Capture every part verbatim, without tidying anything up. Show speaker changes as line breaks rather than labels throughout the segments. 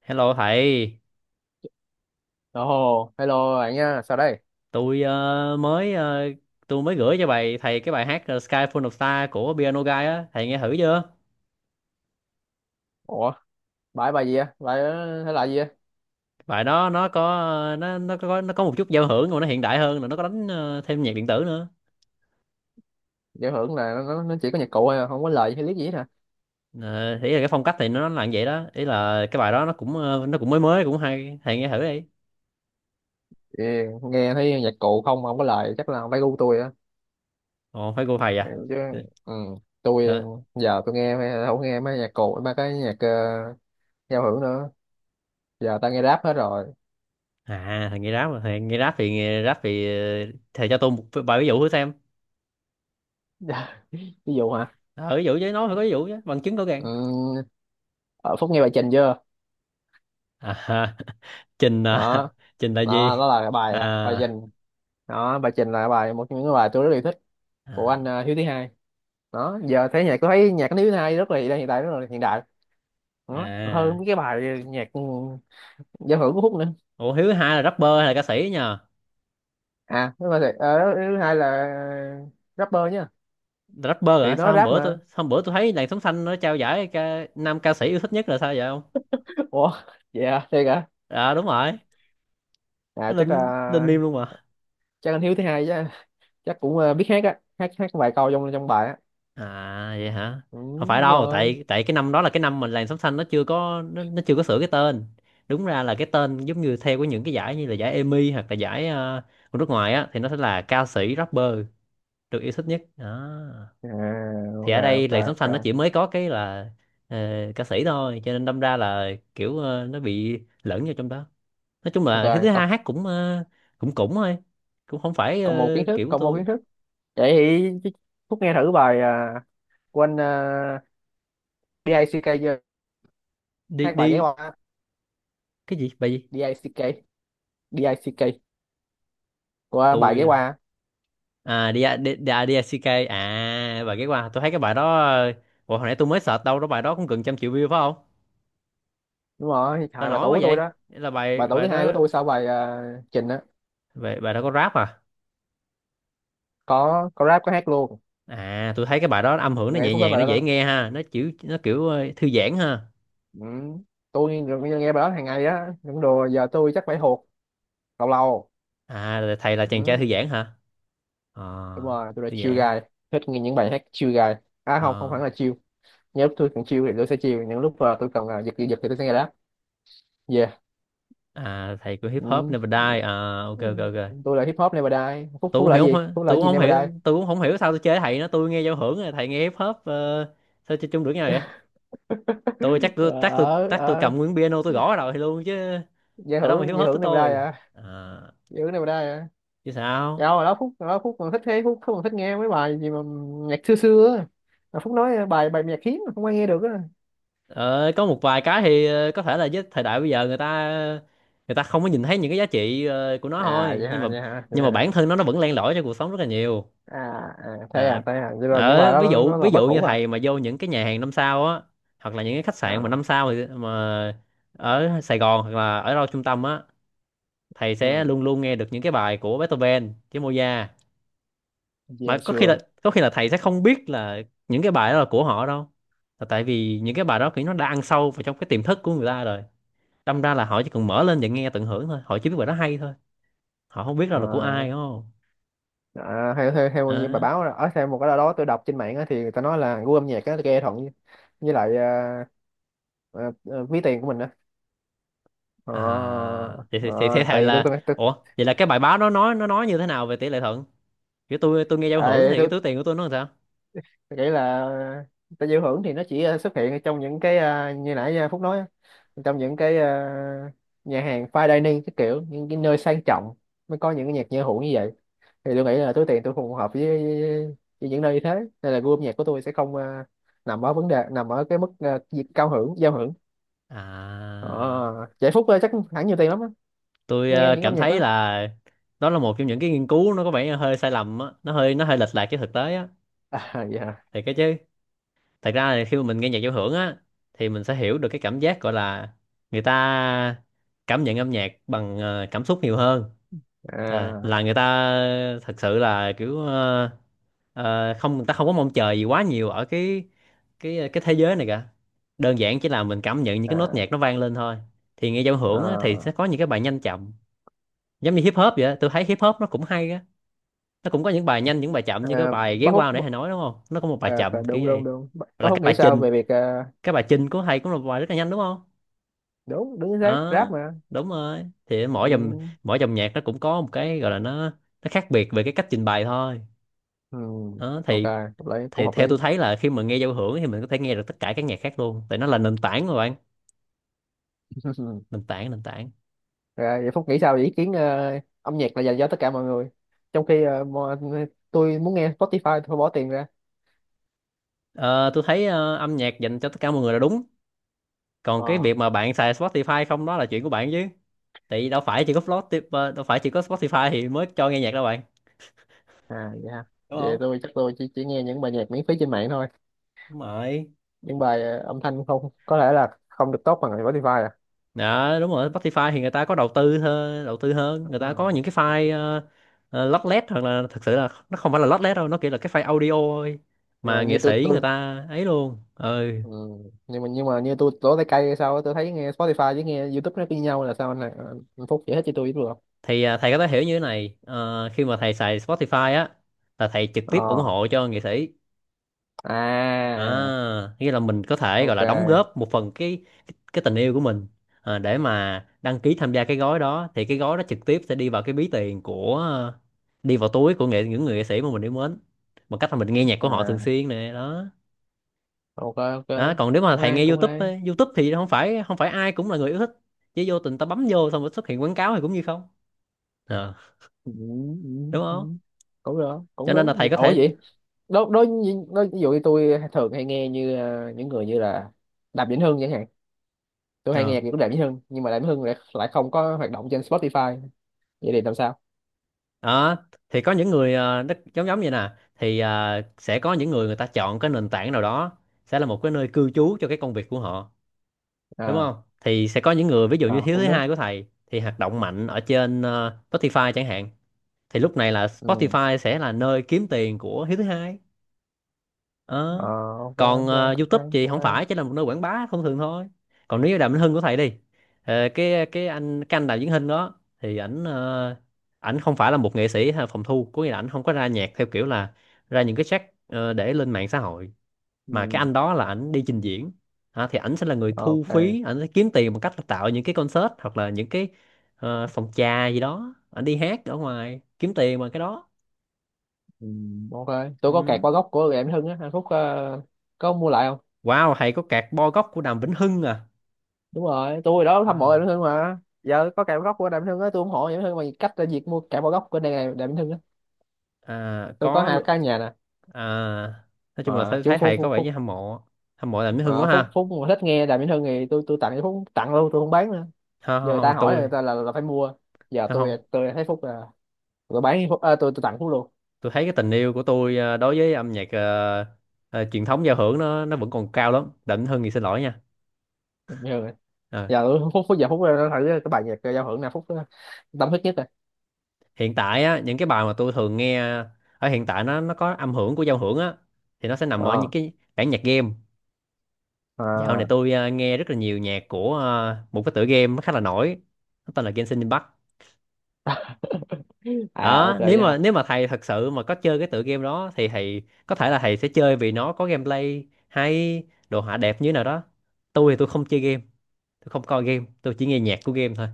Hello thầy,
Ồ, hello bạn nha, sao đây?
tôi ờ, mới ờ, tôi mới gửi cho bài thầy cái bài hát ờ, Sky Full of Stars của Piano Guy á, thầy nghe thử chưa?
Ủa, bài bài gì á? Bài ờ, thể loại gì á?
Bài đó nó có ờ, nó nó có nó có một chút giao hưởng, mà nó hiện đại hơn, rồi nó có đánh ờ, thêm nhạc điện tử nữa.
Giải thưởng là nó, nó chỉ có nhạc cụ thôi, à, không có lời hay lý gì hết hả?
Uh, ý là cái phong cách thì nó là như vậy đó, ý là cái bài đó nó cũng ờ, nó cũng mới mới, cũng hay, thầy nghe thử đi.
Thì nghe thấy nhạc cụ không, không có lời chắc là không phải gu tôi á.
Ồ phải cô thầy
Ừ,
à.
chứ,
Ờ,
ừ, tôi
ờ.
giờ tôi nghe mấy- không nghe mấy nhạc cụ, mấy cái nhạc ờ, giao hưởng nữa. Giờ tao nghe rap hết rồi.
À, thầy nghe rap mà, thầy nghe rap thì nghe rap thì ờ, thầy cho tôi một vài ví dụ thử xem.
Ví dụ hả?
Ờ, ví dụ chứ, nói phải có ví dụ chứ, bằng chứng rõ ràng.
Ừ, ở Phúc nghe bài Trình chưa?
À, ha. Trình
Đó,
à, Trình là gì?
đó, đó là cái bài à, bài
À.
Trình. Đó, bài Trình là bài một trong những cái bài tôi rất yêu thích của anh
À,
ờ, Hiếu thứ hai. Đó giờ thấy nhạc tôi thấy nhạc nước hai rất là hiện đại, rất là hiện đại đó, còn hơn
à.
mấy cái bài nhạc ừ, giao hưởng của Phúc nữa.
Ủa, Hiếu hai là rapper hay là ca sĩ nhờ?
À thứ hai ờ, thứ hai là rapper nhá.
Rapper
Thì
hả?
nó
Sao hôm
rap
bữa
mà.
tôi sao hôm bữa tôi thấy làn sống xanh nó trao giải ca, nam ca sĩ yêu thích nhất là sao vậy không?
Ủa, vậy à, thiệt hả?
À, đúng rồi.
À
Nó
chắc
lên lên
là,
meme luôn mà.
chắc anh Hiếu thứ hai chứ, chắc cũng ờ, biết hát á, hát hát vài câu trong trong bài á.
À vậy hả?
Ừ,
Không phải
đúng
đâu,
rồi.
tại tại cái năm đó là cái năm mà làn sống xanh nó chưa có nó, nó chưa có sửa cái tên. Đúng ra là cái tên giống như theo của những cái giải như là giải Emmy, hoặc là giải ờ, của nước ngoài á, thì nó sẽ là ca sĩ rapper được yêu thích nhất đó.
À,
Thì
ok
ở đây
ok
làn sóng
ok
xanh nó chỉ mới có cái là ờ, ca sĩ thôi, cho nên đâm ra là kiểu ờ, nó bị lẫn vô trong đó. Nói chung
ok.
là thứ thứ
Còn,
hai hát cũng ờ, cũng cũng thôi, cũng không phải
còn một kiến
ờ,
thức,
kiểu của
còn một kiến
tôi.
thức Vậy thì Phúc nghe thử bài à, của anh uh, đích chưa,
Đi
hát bài ghé
đi.
qua.
Cái gì? Bài gì?
đích, đê i xê ca, của bài ghé
Tôi
qua.
à, đi đi đi, à, đi, xê ca. À, bài ghé qua. Tôi thấy cái bài đó ờ, ủa, hồi nãy tôi mới search đâu đó, bài đó cũng gần trăm triệu view phải không?
Đúng rồi,
Sao
hai bài
nổi
tủ
quá
của tôi
vậy?
đó.
Là bài
Bài tủ
bài
thứ hai của
đó.
tôi sau bài à, trình á.
Bài, bài đó có rap à?
có có rap, có hát luôn.
À, tôi thấy cái bài đó âm hưởng nó
Nghe
nhẹ
phút hết
nhàng,
bài
nó
đó,
dễ
đó.
nghe ha, nó kiểu nó kiểu ờ, thư giãn ha.
Ừ. tôi nghe, nghe bài đó hàng ngày á, những đồ giờ tôi chắc phải hụt lâu lâu.
À, là thầy là chàng trai thư
Ừ.
giãn hả? À,
Đúng rồi, tôi là
thư
chill guy,
giãn.
thích nghe những bài hát chill guy. À không, không hẳn
À,
là chill. Những lúc tôi cần chill thì tôi sẽ chill, những lúc à, tôi cần à, giật giật thì tôi sẽ nghe rap. Yeah.
à thầy của hip hop
Ừ.
Never Die à, ok
Ừ.
ok ok.
Tôi là hip hop Never Die, Phúc
tôi
Phúc
cũng
là
hiểu
gì,
không
Phúc là
tôi cũng
gì
không
Never
hiểu,
Die.
tôi cũng không hiểu sao tôi chơi thầy nó, tôi nghe giao hưởng rồi thầy nghe hip hop, ờ, sao chơi chung được nhau vậy? tôi chắc tôi chắc tôi
Ờ
chắc tôi
ờ,
cầm nguyên piano, tôi gõ vào đầu thầy luôn chứ.
giải
Ở đâu mà
thưởng,
hip
giải
hop với
thưởng này đây
tôi.
à,
À,
giải thưởng này đây à.
chứ
Dạ
sao.
hồi đó Phúc, hồi đó Phúc còn thích thế, Phúc Phúc còn thích nghe mấy bài gì mà nhạc xưa xưa á, mà Phúc nói bài bài nhạc hiếm mà không ai nghe được á.
Ờ, có một vài cái thì ờ, có thể là với thời đại bây giờ người ta người ta không có nhìn thấy những cái giá trị ờ, của nó
À
thôi,
vậy
nhưng
hả,
mà
vậy hả, vậy
nhưng mà
hả?
bản thân nó nó vẫn len lỏi cho cuộc sống rất là nhiều.
À, à thế
Nè,
à, thế à, vậy là những bài
đó,
đó
ví
nó, nó
dụ
là
ví
bất
dụ như
hủ à?
thầy mà vô những cái nhà hàng năm sao á, hoặc là những cái khách sạn mà
À
năm sao, thì mà ở Sài Gòn hoặc là ở đâu trung tâm á, thầy sẽ
ừ,
luôn luôn nghe được những cái bài của Beethoven với Mozart. Mà
yeah
có khi là
sure.
có khi là thầy sẽ không biết là những cái bài đó là của họ đâu, là tại vì những cái bài đó kiểu nó đã ăn sâu vào trong cái tiềm thức của người ta rồi. Đâm ra là họ chỉ cần mở lên và nghe tận hưởng thôi, họ chỉ biết bài đó hay thôi, họ không biết đâu là của
À,
ai, đúng không?
à, theo theo theo như bài
Đó.
báo ở theo một cái nào đó tôi đọc trên mạng á, thì người ta nói là gu âm nhạc á nghe thuận với, với lại à, à, à, ví tiền của mình á. Ờ,
À, thì, thì, thì, thế
ờ, tại
thầy
vì tôi
là,
tôi tôi,
ủa, vậy là cái bài báo đó nói nó nói như thế nào về tỷ lệ thuận, kiểu tôi tôi nghe giao hưởng
ai
thì cái
tôi
túi tiền của tôi nó làm sao?
tôi nghĩ là ta giao hưởng thì nó chỉ ờ, xuất hiện ở trong những cái ờ, như nãy ờ, Phúc nói á, trong những cái ờ, nhà hàng fine dining, cái kiểu những cái nơi sang trọng mới có những cái nhạc giao hưởng như vậy. Thì tôi nghĩ là túi tiền tôi phù hợp với, với, những nơi như thế, nên là gu âm nhạc của tôi sẽ không ờ, nằm ở vấn đề, nằm ở cái mức ờ, việc cao hưởng, giao hưởng. Ờ,
À,
vậy Phúc ờ, chắc hẳn nhiều tiền lắm á
tôi
mới nghe
ờ,
những âm
cảm
nhạc
thấy
đó.
là đó là một trong những cái nghiên cứu, nó có vẻ hơi sai lầm á, nó hơi nó hơi lệch lạc với thực tế á.
À dạ.
Thì cái chứ, thật ra là khi mà mình nghe nhạc giao hưởng á, thì mình sẽ hiểu được cái cảm giác gọi là người ta cảm nhận âm nhạc bằng ờ, cảm xúc nhiều hơn. À,
À
là người ta thật sự là kiểu ờ, ờ, không, người ta không có mong chờ gì quá nhiều ở cái cái ờ, cái thế giới này cả, đơn giản chỉ là mình cảm nhận những cái nốt
à
nhạc nó vang lên thôi. Thì nghe giao hưởng á, thì
à,
sẽ có những cái bài nhanh chậm, giống như hip hop vậy á. Tôi thấy hip hop nó cũng hay á, nó cũng có những bài nhanh những bài chậm, như cái
à
bài ghé
bác Phúc,
qua nãy thầy nói, đúng không, nó có một bài
à, phải-
chậm kiểu
đúng đúng
vậy.
đúng, bác
Là
Phúc
cái
nghĩ
bài
sao
trình,
về việc ờ,
cái bài Chinh của thầy cũng là một bài rất là nhanh, đúng không?
đúng đúng chính xác,
Ờ,
rap mà.
đúng rồi. Thì mỗi dòng
Ừ.
mỗi dòng nhạc nó cũng có một cái gọi là nó nó khác biệt về cái cách trình bày thôi.
Ừ.
Đó,
Ok
thì
hợp lý, cũng
thì
hợp lý.
theo tôi thấy là khi mà nghe giao hưởng thì mình có thể nghe được tất cả các nhạc khác luôn, tại nó là nền tảng mà bạn, nền tảng, nền tảng.
Rồi, vậy Phúc nghĩ sao về ý kiến ờ, âm nhạc là dành cho tất cả mọi người, trong khi ờ, mọi, tôi muốn nghe Spotify tôi phải bỏ tiền ra.
Ờ, tôi thấy ờ, âm nhạc dành cho tất cả mọi người là đúng, còn cái
Ờ.
việc mà bạn xài Spotify không đó là chuyện của bạn chứ, tại vì đâu phải chỉ có Spotify, đâu phải chỉ có Spotify thì mới cho nghe nhạc đâu bạn,
À vậy ha.
đúng
Vậy
không?
tôi chắc tôi chỉ, chỉ nghe những bài nhạc miễn phí trên mạng thôi,
Đúng rồi.
những bài ờ, âm thanh không có lẽ là không được tốt bằng Spotify à.
Dạ đúng rồi, Spotify thì người ta có đầu tư hơn, đầu tư hơn, người ta có
Ừ.
những cái file uh, lót lét, hoặc là thực sự là nó không phải là lót lét đâu, nó kiểu là cái file audio thôi,
nhưng mà
mà
như
nghệ
tôi
sĩ người
tôi
ta ấy luôn. Ừ,
ừ. nhưng mà nhưng mà như tôi lỗ tay cây hay sao á, tôi thấy nghe Spotify với nghe YouTube nó như nhau là sao anh, anh Phúc giải thích cho tôi biết được không?
thì ờ, thầy có thể hiểu như thế này, ờ, khi mà thầy xài Spotify á là thầy trực tiếp ủng
Ờ.
hộ cho nghệ sĩ. À,
À.
nghĩa là mình có thể gọi là đóng
Ok.
góp một phần cái cái, cái tình yêu của mình, à, để mà đăng ký tham gia cái gói đó, thì cái gói đó trực tiếp sẽ đi vào cái ví tiền của ờ, đi vào túi của nghệ những người nghệ sĩ mà mình yêu mến, bằng cách là mình nghe nhạc của họ thường
À
xuyên nè đó.
ok ok,
Đó, còn nếu mà
cũng
thầy
hay
nghe
cũng
YouTube
hay.
ấy, YouTube thì không phải không phải ai cũng là người yêu thích, chứ vô tình ta bấm vô xong rồi xuất hiện quảng cáo thì cũng như không. Ờ,
Ừ, ừ,
đúng
ừ.
không,
Cũng được, cũng
cho nên là thầy
đúng.
có
Ủa
thể
vậy, đối đối đối ví dụ như tôi thường hay nghe như ờ, những người như là Đàm Vĩnh Hưng chẳng hạn. Tôi hay
ờ,
nghe nhạc của Đàm Vĩnh Hưng, nhưng mà Đàm Vĩnh Hưng lại lại không có hoạt động trên Spotify. Vậy thì làm sao?
đó, thì có những người ờ, nó giống giống như nè, thì ờ, sẽ có những người, người ta chọn cái nền tảng nào đó sẽ là một cái nơi cư trú cho cái công việc của họ, đúng
À
không? Thì sẽ có những người ví dụ
à
như thiếu
cũng
thứ
đúng.
hai của thầy thì hoạt động mạnh ở trên ờ, Spotify chẳng hạn, thì lúc này là
Ừ.
Spotify sẽ là nơi kiếm tiền của hiếu thứ hai.
Ờ,
Ờ.
ok
Còn
ok,
ờ,
cũng
YouTube
hay
thì
cũng
không
hay.
phải chỉ là một nơi quảng bá thông thường thôi. Còn nếu như Đàm Vĩnh Hưng của thầy đi, ờ, cái cái anh cái anh Đàm Vĩnh Hưng đó thì ảnh ờ, ảnh không phải là một nghệ sĩ hay phòng thu, có nghĩa là ảnh không có ra nhạc theo kiểu là ra những cái track ờ, để lên mạng xã hội, mà cái
Ừ.
anh đó là ảnh đi trình diễn. Hả, thì ảnh sẽ là người thu
Ok.
phí, ảnh sẽ kiếm tiền bằng cách là tạo những cái concert, hoặc là những cái ờ, phòng trà gì đó, ảnh đi hát ở ngoài kiếm tiền bằng cái đó.
Ừ, ok. Tôi có kẹt
Ừ.
qua gốc của Đàm Vĩnh Hưng á anh Phúc, ờ, có mua lại không?
Wow, thầy có cạc bo góc của Đàm Vĩnh Hưng à?
Đúng rồi, tôi đó hâm mộ Đàm
Wow.
Vĩnh Hưng mà, giờ có cạm góc của Đàm Vĩnh Hưng á, tôi ủng hộ Đàm Vĩnh Hưng bằng cách là việc mua cạm góc của đàm đàm vĩnh hưng á.
À,
Tôi có
có
hai
lu-
căn nhà nè.
à, nói chung là
À,
thấy,
chú
thấy
phúc
thầy có
phúc
vẻ như
phúc
hâm mộ, hâm mộ làm Mỹ hương
ờ,
quá
phúc
ha.
phúc mà thích nghe Đàm Vĩnh Hưng thì tôi tôi tặng cho phúc, tặng luôn, tôi không bán nữa.
Không,
Giờ
không,
người ta
không,
hỏi là
tôi
người ta là, là phải mua, giờ
không,
tôi
không.
tôi thấy phúc là, tôi bán phúc à, tôi tôi tặng phúc luôn.
Tôi thấy cái tình yêu của tôi ờ, đối với âm nhạc ờ, ờ, truyền thống giao hưởng nó nó vẫn còn cao lắm. Đặng Hưng thì xin lỗi nha.
Đàm Vĩnh Hưng này.
Ờ,
Giờ tôi- phúc phúc giờ phúc nó thử cái bài nhạc giao hưởng nào phúc ờ, tâm huyết nhất rồi.
Hiện tại á những cái bài mà tôi thường nghe ở hiện tại nó nó có âm hưởng của giao hưởng á thì nó sẽ nằm ở
Ờ.
những cái bản nhạc game. Dạo này
À,
tôi ờ, nghe rất là nhiều nhạc của ờ, một cái tựa game nó khá là nổi, nó tên là Genshin Impact.
à ok
Đó, nếu
nha.
mà nếu mà thầy thật sự mà có chơi cái tựa game đó thì thầy có thể là thầy sẽ chơi vì nó có gameplay hay, đồ họa đẹp như thế nào đó. Tôi thì tôi không chơi game, tôi không coi game, tôi chỉ nghe nhạc của game thôi.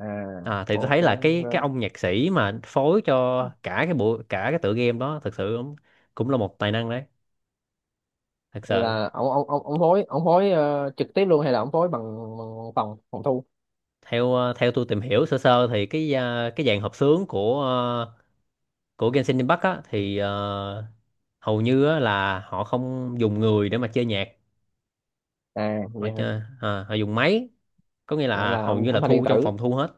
À,
à, Thì tôi
ok
thấy là cái cái
ok.
ông nhạc sĩ mà phối cho cả cái bộ cả cái tựa game đó thật sự cũng cũng là một tài năng đấy, thật sự.
Là ông ông ông ông phối ông phối ờ, trực tiếp luôn hay là ông phối bằng, bằng phòng phòng thu?
Theo ờ, theo tôi tìm hiểu sơ sơ thì cái ờ, cái dàn hợp xướng của ờ, của Genshin Impact á thì ờ, hầu như á, là họ không dùng người để mà chơi nhạc.
À
Họ
vậy hả.
chơi à, họ dùng máy, có nghĩa
Đó
là
là
hầu
âm,
như là
âm thanh điện
thu trong
tử,
phòng thu hết.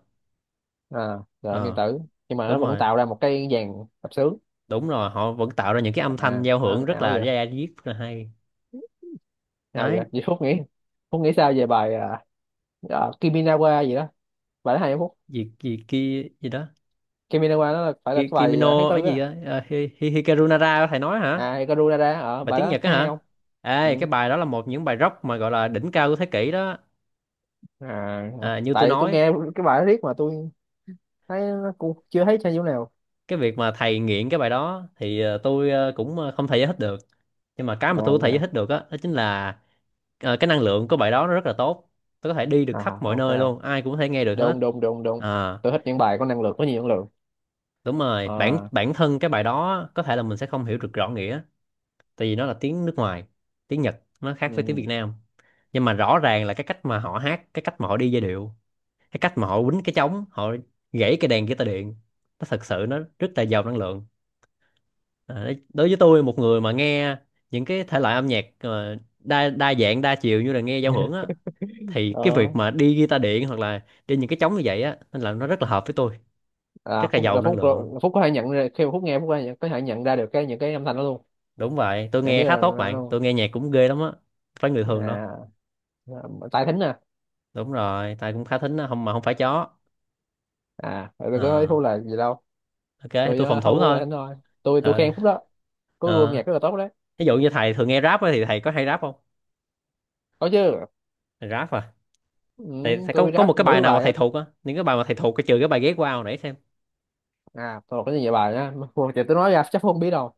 à là âm điện
Ờ,
tử, nhưng mà nó
đúng
vẫn
rồi.
tạo ra một cái dàn tập sướng.
Đúng rồi, họ vẫn tạo ra những cái âm thanh
À
giao
nó
hưởng rất
ảo
là
vậy,
ra diết, rất là hay
nào
đấy.
vậy, vậy Phúc nghĩ Phúc nghĩ sao về bài à, à, Kiminawa gì đó, bài đó hay không Phúc?
Gì gì kia gì đó?
Kiminawa nó là, phải là cái
Ki-
bài à, tháng
Kimino ở
tư
gì
á.
đó à, Hi, Hi, Hikaru Nara thầy nói hả?
À Ikaruda ở,
Bài
bài
tiếng
đó
Nhật á
hay
hả?
không? Ừ.
Ê, cái bài đó là một những bài rock mà gọi là đỉnh cao của thế kỷ đó.
À, à,
À, như tôi
tại tôi
nói,
nghe cái bài đó riết mà tôi thấy nó cũng chưa thấy sao nhiêu nào.
cái việc mà thầy nghiện cái bài đó thì ờ, tôi ờ, cũng ờ, không thể giải thích được. Nhưng mà
À
cái mà tôi có thể giải
dạ.
thích được á đó, chính là ờ, cái năng lượng của bài đó nó rất là tốt. Tôi có thể đi được
À
khắp mọi
ok,
nơi luôn, ai cũng có thể nghe được hết.
đúng đúng đúng đúng.
À,
Tôi thích những bài có năng lượng, có nhiều năng lượng.
đúng rồi, bản
À.
bản thân cái bài đó á, có thể là mình sẽ không hiểu được rõ nghĩa tại vì nó là tiếng nước ngoài. Tiếng Nhật nó khác với tiếng
Ừ.
Việt Nam. Nhưng mà rõ ràng là cái cách mà họ hát, cái cách mà họ đi giai điệu, cái cách mà họ quýnh cái trống, họ gãy cái đàn guitar điện, nó thật sự nó rất là giàu năng lượng. À, đấy- đối với tôi một người mà nghe những cái thể loại âm nhạc ờ, đa đa dạng đa chiều như là nghe giao hưởng á thì cái việc
Đó,
mà đi guitar điện hoặc là đi những cái trống như vậy á nên là nó rất là hợp với tôi. Rất
à,
là
phúc
giàu
là
năng
phúc
lượng.
rồi- phúc có thể nhận ra khi mà phúc nghe, phúc có thể nhận, có thể nhận ra được cái những cái âm thanh đó luôn,
Đúng vậy, tôi
nhận biết
nghe khá
là
tốt,
nó
bạn
luôn.
tôi nghe nhạc cũng ghê lắm á, không phải người thường đâu.
À, à, tài thính à.
Đúng rồi, tại cũng khá thính á, không mà không phải chó.
À tôi có nói phúc
Ờ,
là gì đâu,
ok thì
tôi
tôi phòng
uh,
thủ
không có tài
thôi.
thính thôi, tôi tôi
Ờ.
khen phúc đó, có gu âm
Ờ.
nhạc rất là tốt đấy.
Ví dụ như thầy thường nghe rap á thì thầy có hay rap không?
Có chứ.
Thầy rap à?
Ừ,
Thầy, thầy có
tôi
có một
rap đủ
cái bài
thứ
nào mà
bài á.
thầy thuộc á, những cái bài mà thầy thuộc cái trừ cái bài ghét qua hồi nãy?
À tôi học rất nhiều bài á Phúc- thì tôi nói ra chắc phúc không biết đâu.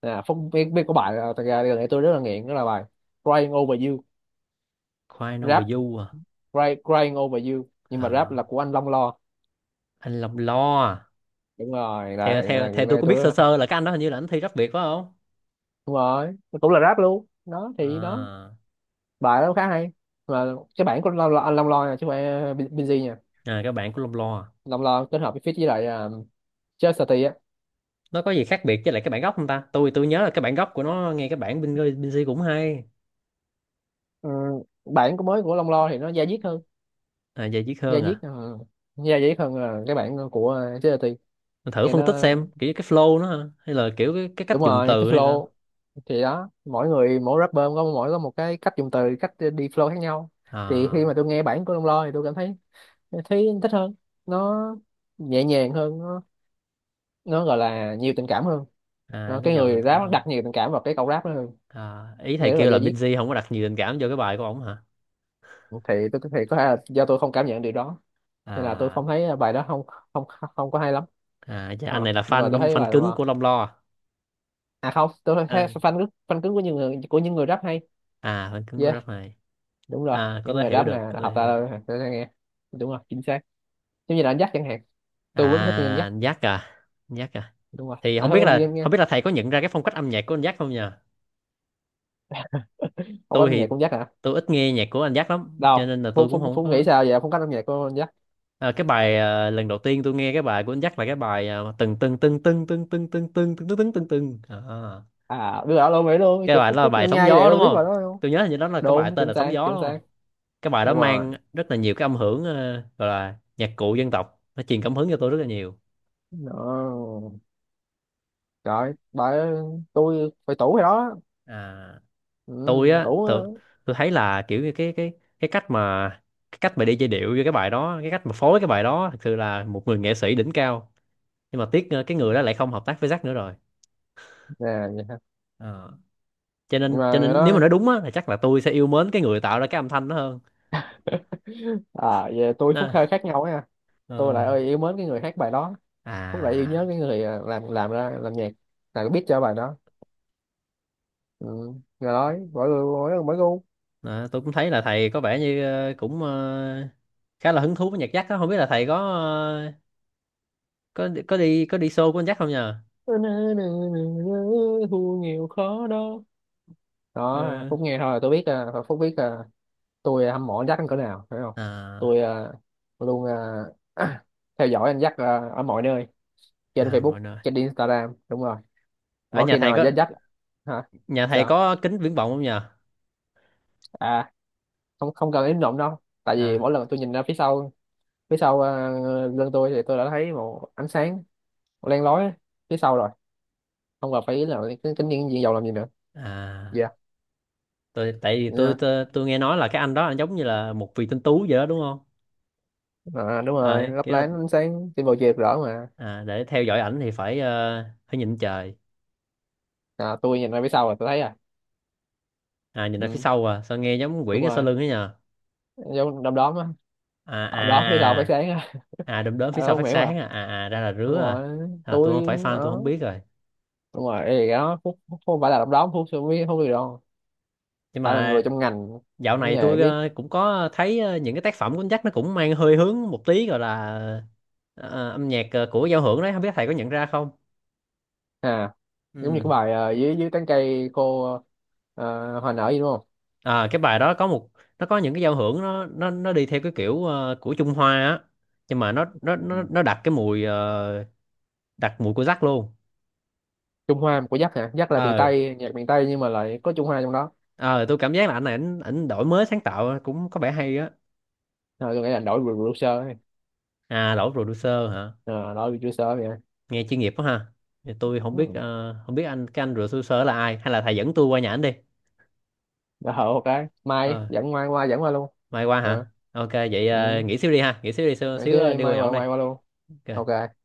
À phúc biết biết có bài là, thật ra gần đây tôi rất là nghiện đó là bài Crying Over You.
Crying Over
Rap.
You à.
Crying, crying over you, nhưng mà rap là
À,
của anh Long Lo.
anh Lòng Lo à.
Đúng rồi, là,
Theo theo
là người
theo tôi
này
có
tôi
biết
rất
sơ
là,
sơ là cái anh đó hình như là anh thi rap Việt phải không?
đúng rồi, nó cũng là rap luôn đó thì đó.
À,
Bài đó khá hay mà. Cái bản của Long Lo, anh Long Lo nha, chứ không phải ờ, Bin- Binz nha.
à cái bản của Long Lo à.
Long Lo kết hợp với feat với lại um, Chastity á.
Nó có gì khác biệt với lại cái bản gốc không ta? Tôi tôi nhớ là cái bản gốc của nó nghe cái bản bên bên C cũng hay.
Ừ, bản của mới của Long Lo thì nó da diết hơn.
À vậy Chí
Da
hơn
diết
à?
ờ, da diết hơn là cái bản của ờ, Chastity.
Mình thử
Nghe
phân tích
nó,
xem kiểu cái flow nó hả? Hay là kiểu cái, cái
đúng
cách dùng
rồi, cái
từ hay sao?
flow. Thì đó, mỗi người mỗi rapper có mỗi có một cái cách dùng từ, cách đi flow khác nhau. Thì khi mà
À.
tôi nghe bản của Long Lo thì tôi cảm thấy, thấy thích hơn, nó nhẹ nhàng hơn, nó nó gọi là nhiều tình cảm hơn.
À
Đó,
nó
cái
giàu tình
người rap
cảm
nó
hơn.
đặt nhiều tình cảm vào cái câu rap đó hơn,
À, ý thầy
nghe rất là
kêu là
da diết.
Binz không có đặt nhiều tình cảm vô cái bài của ổng hả?
Thì tôi thì có thể là do tôi không cảm nhận điều đó, nên là tôi
À.
không thấy bài đó không không không có hay lắm.
À dạ, anh này
Ờ,
là
nhưng mà tôi
fan
thấy
fan
bài Long
cứng
Lo,
của Long Lo à?
à không, tôi thấy
À,
fan cứng, fan cứng của những người, của những người rap hay.
à phần cứng của
Yeah,
Grab này.
đúng rồi.
À có
Những người
thể hiểu
rap nè
được, có thể
hợp
hiểu được.
ta tôi sẽ nghe, đúng rồi chính xác. Giống như là anh dắt chẳng hạn,
À,
tôi rất thích nghe anh dắt.
anh Jack à? Anh Jack à?
Đúng rồi,
Thì
anh
không biết
thích nghe
là
nghe.
không biết là thầy có nhận ra cái phong cách âm nhạc của anh giác không nhờ?
Không có
Tôi
âm nhạc
thì
cũng dắt hả?
tôi ít nghe nhạc của anh giác lắm cho
Đâu
nên là
phúc,
tôi cũng
phúc
không
phúc nghĩ
có.
sao vậy, không có âm nhạc của anh dắt.
À, cái bài à, lần đầu tiên tôi nghe cái bài của anh giác là cái bài à, từng từng từng từng từng từng từng từng từng từng từng từng từng à.
À đưa ở luôn nghĩ luôn
Cái
chỗ,
bài
phúc
đó là
phúc
bài
ngân
sóng
nga vậy
gió
tôi
đúng
biết
không?
rồi đó không?
Tôi nhớ hình như đó là cái bài
Đúng
tên
chính
là sóng
xác
gió
chính
đúng
xác.
không? Cái bài đó
Đúng rồi,
mang rất là nhiều cái âm hưởng ờ, gọi là nhạc cụ dân tộc, nó truyền cảm hứng cho tôi rất là nhiều.
đó, trời bà, tôi phải tủ rồi đó.
À,
Ừ,
tôi á
tủ á.
tôi, tôi thấy là kiểu như cái cái cái cách mà cái cách mà đi giai điệu với cái bài đó, cái cách mà phối cái bài đó, thật sự là một người nghệ sĩ đỉnh cao. Nhưng mà tiếc ờ, cái người đó lại không hợp tác với Jack nữa rồi.
Nè, vậy ha.
Ờ, cho
Nhưng
nên
mà
cho
người
nên nếu
đó,
mà nói đúng á thì chắc là tôi sẽ yêu mến cái người tạo ra cái âm thanh đó hơn.
à về tôi phúc
Đó.
hơi khác nhau nha, tôi
Ờ.
lại ơi yêu mến cái người hát bài đó, phúc lại yêu nhớ
À
cái người à, làm làm ra làm nhạc là biết cho bài đó. Ừ. Rồi nói mỗi người mỗi người mỗi gu.
đó, tôi cũng thấy là thầy có vẻ như ờ, cũng ờ, khá là hứng thú với nhạc Jack đó, không biết là thầy có ờ, có có đi có đi show của anh Jack không nhờ?
Thu nhiều khó đó, đó
Ờ.
Phúc nghe thôi là tôi biết à, Phúc biết à, tôi hâm mộ anh Jack đến cỡ nào phải không? Tôi
À.
à, luôn, à, theo dõi anh Jack à, ở mọi nơi, trên
À
Facebook
mọi nơi.
trên Instagram, đúng rồi.
Ở
Mỗi
nhà
khi nào
thầy
mà
có?
Jack Jack hả
Nhà thầy
sao?
có kính viễn vọng không nhờ?
À, không không cần im lặng đâu, tại vì
À.
mỗi lần tôi nhìn ra phía sau phía sau à, lưng tôi thì tôi đã thấy một ánh sáng len lói phía sau rồi, không cần phải ý là cái cái nhiên diện dầu làm gì nữa.
À,
Dạ.
tôi tại vì tôi,
Nha,
tôi tôi nghe nói là cái anh đó anh giống như là một vị tinh tú vậy đó đúng không?
à, đúng
À,
rồi lấp
kiểu là,
lánh ánh sáng trên bầu trời rõ mà.
à, để theo dõi ảnh thì phải ờ, phải nhìn trời,
À, tôi nhìn ra phía sau là tôi thấy à.
à nhìn ra phía
Ừ,
sau à, sao nghe giống quỷ
đúng
cái sau
rồi,
lưng ấy nhờ?
giống đom đóm á,
À
đom đóm phía sau phát
à.
sáng á.
À, à đom đóm
À,
phía sau
không
phát
hiểu
sáng
à,
à, à à ra là
đúng
rứa
rồi,
à. À tôi không
tôi
phải fan, tôi
đó,
không biết rồi.
đúng rồi. Ê, cái đó Phúc, Phúc không phải là đom đóm, Phúc không biết không biết đâu,
Nhưng
phải là người
mà
trong ngành
dạo
mới
này
nghề
tôi
biết.
ờ, cũng có thấy ờ, những cái tác phẩm của anh Jack nó cũng mang hơi hướng một tí gọi là ờ, âm nhạc ờ, của giao hưởng đấy, không biết thầy có nhận ra không?
À giống như
Ừ.
cái bài ờ, dưới dưới tán cây cô ờ, hoa nở gì đúng không.
À, cái bài đó có một, nó có những cái giao hưởng nó nó nó đi theo cái kiểu ờ, của Trung Hoa á, nhưng mà nó nó
Ừ.
nó nó đặt cái mùi ờ, đặt mùi của Jack luôn.
Trung Hoa của Dắt hả, Dắt là miền
Ờ.
Tây, nhạc miền Tây nhưng mà lại có Trung Hoa trong đó.
Ờ, tôi cảm giác là anh này ảnh ảnh đổi mới sáng tạo cũng có vẻ hay á.
À, tôi nghĩ là đổi producer ấy.
À đổi producer hả?
À, đổi producer vậy.
Nghe chuyên nghiệp quá ha. Thì tôi không biết
Ừ.
ờ, không biết anh cái anh producer là ai, hay là thầy dẫn tôi qua nhà ảnh đi.
Dạ hậu một cái mai
Ờ,
dẫn, mai qua dẫn qua luôn.
mai qua
Hả?
hả? Ok vậy ờ,
Ừ.
nghỉ xíu đi ha, nghỉ xíu đi xíu,
Vậy
xíu
thế
ờ,
đây
đi
mai
qua nhà ổng
qua,
đi.
mai qua luôn.
Ok.
Ok.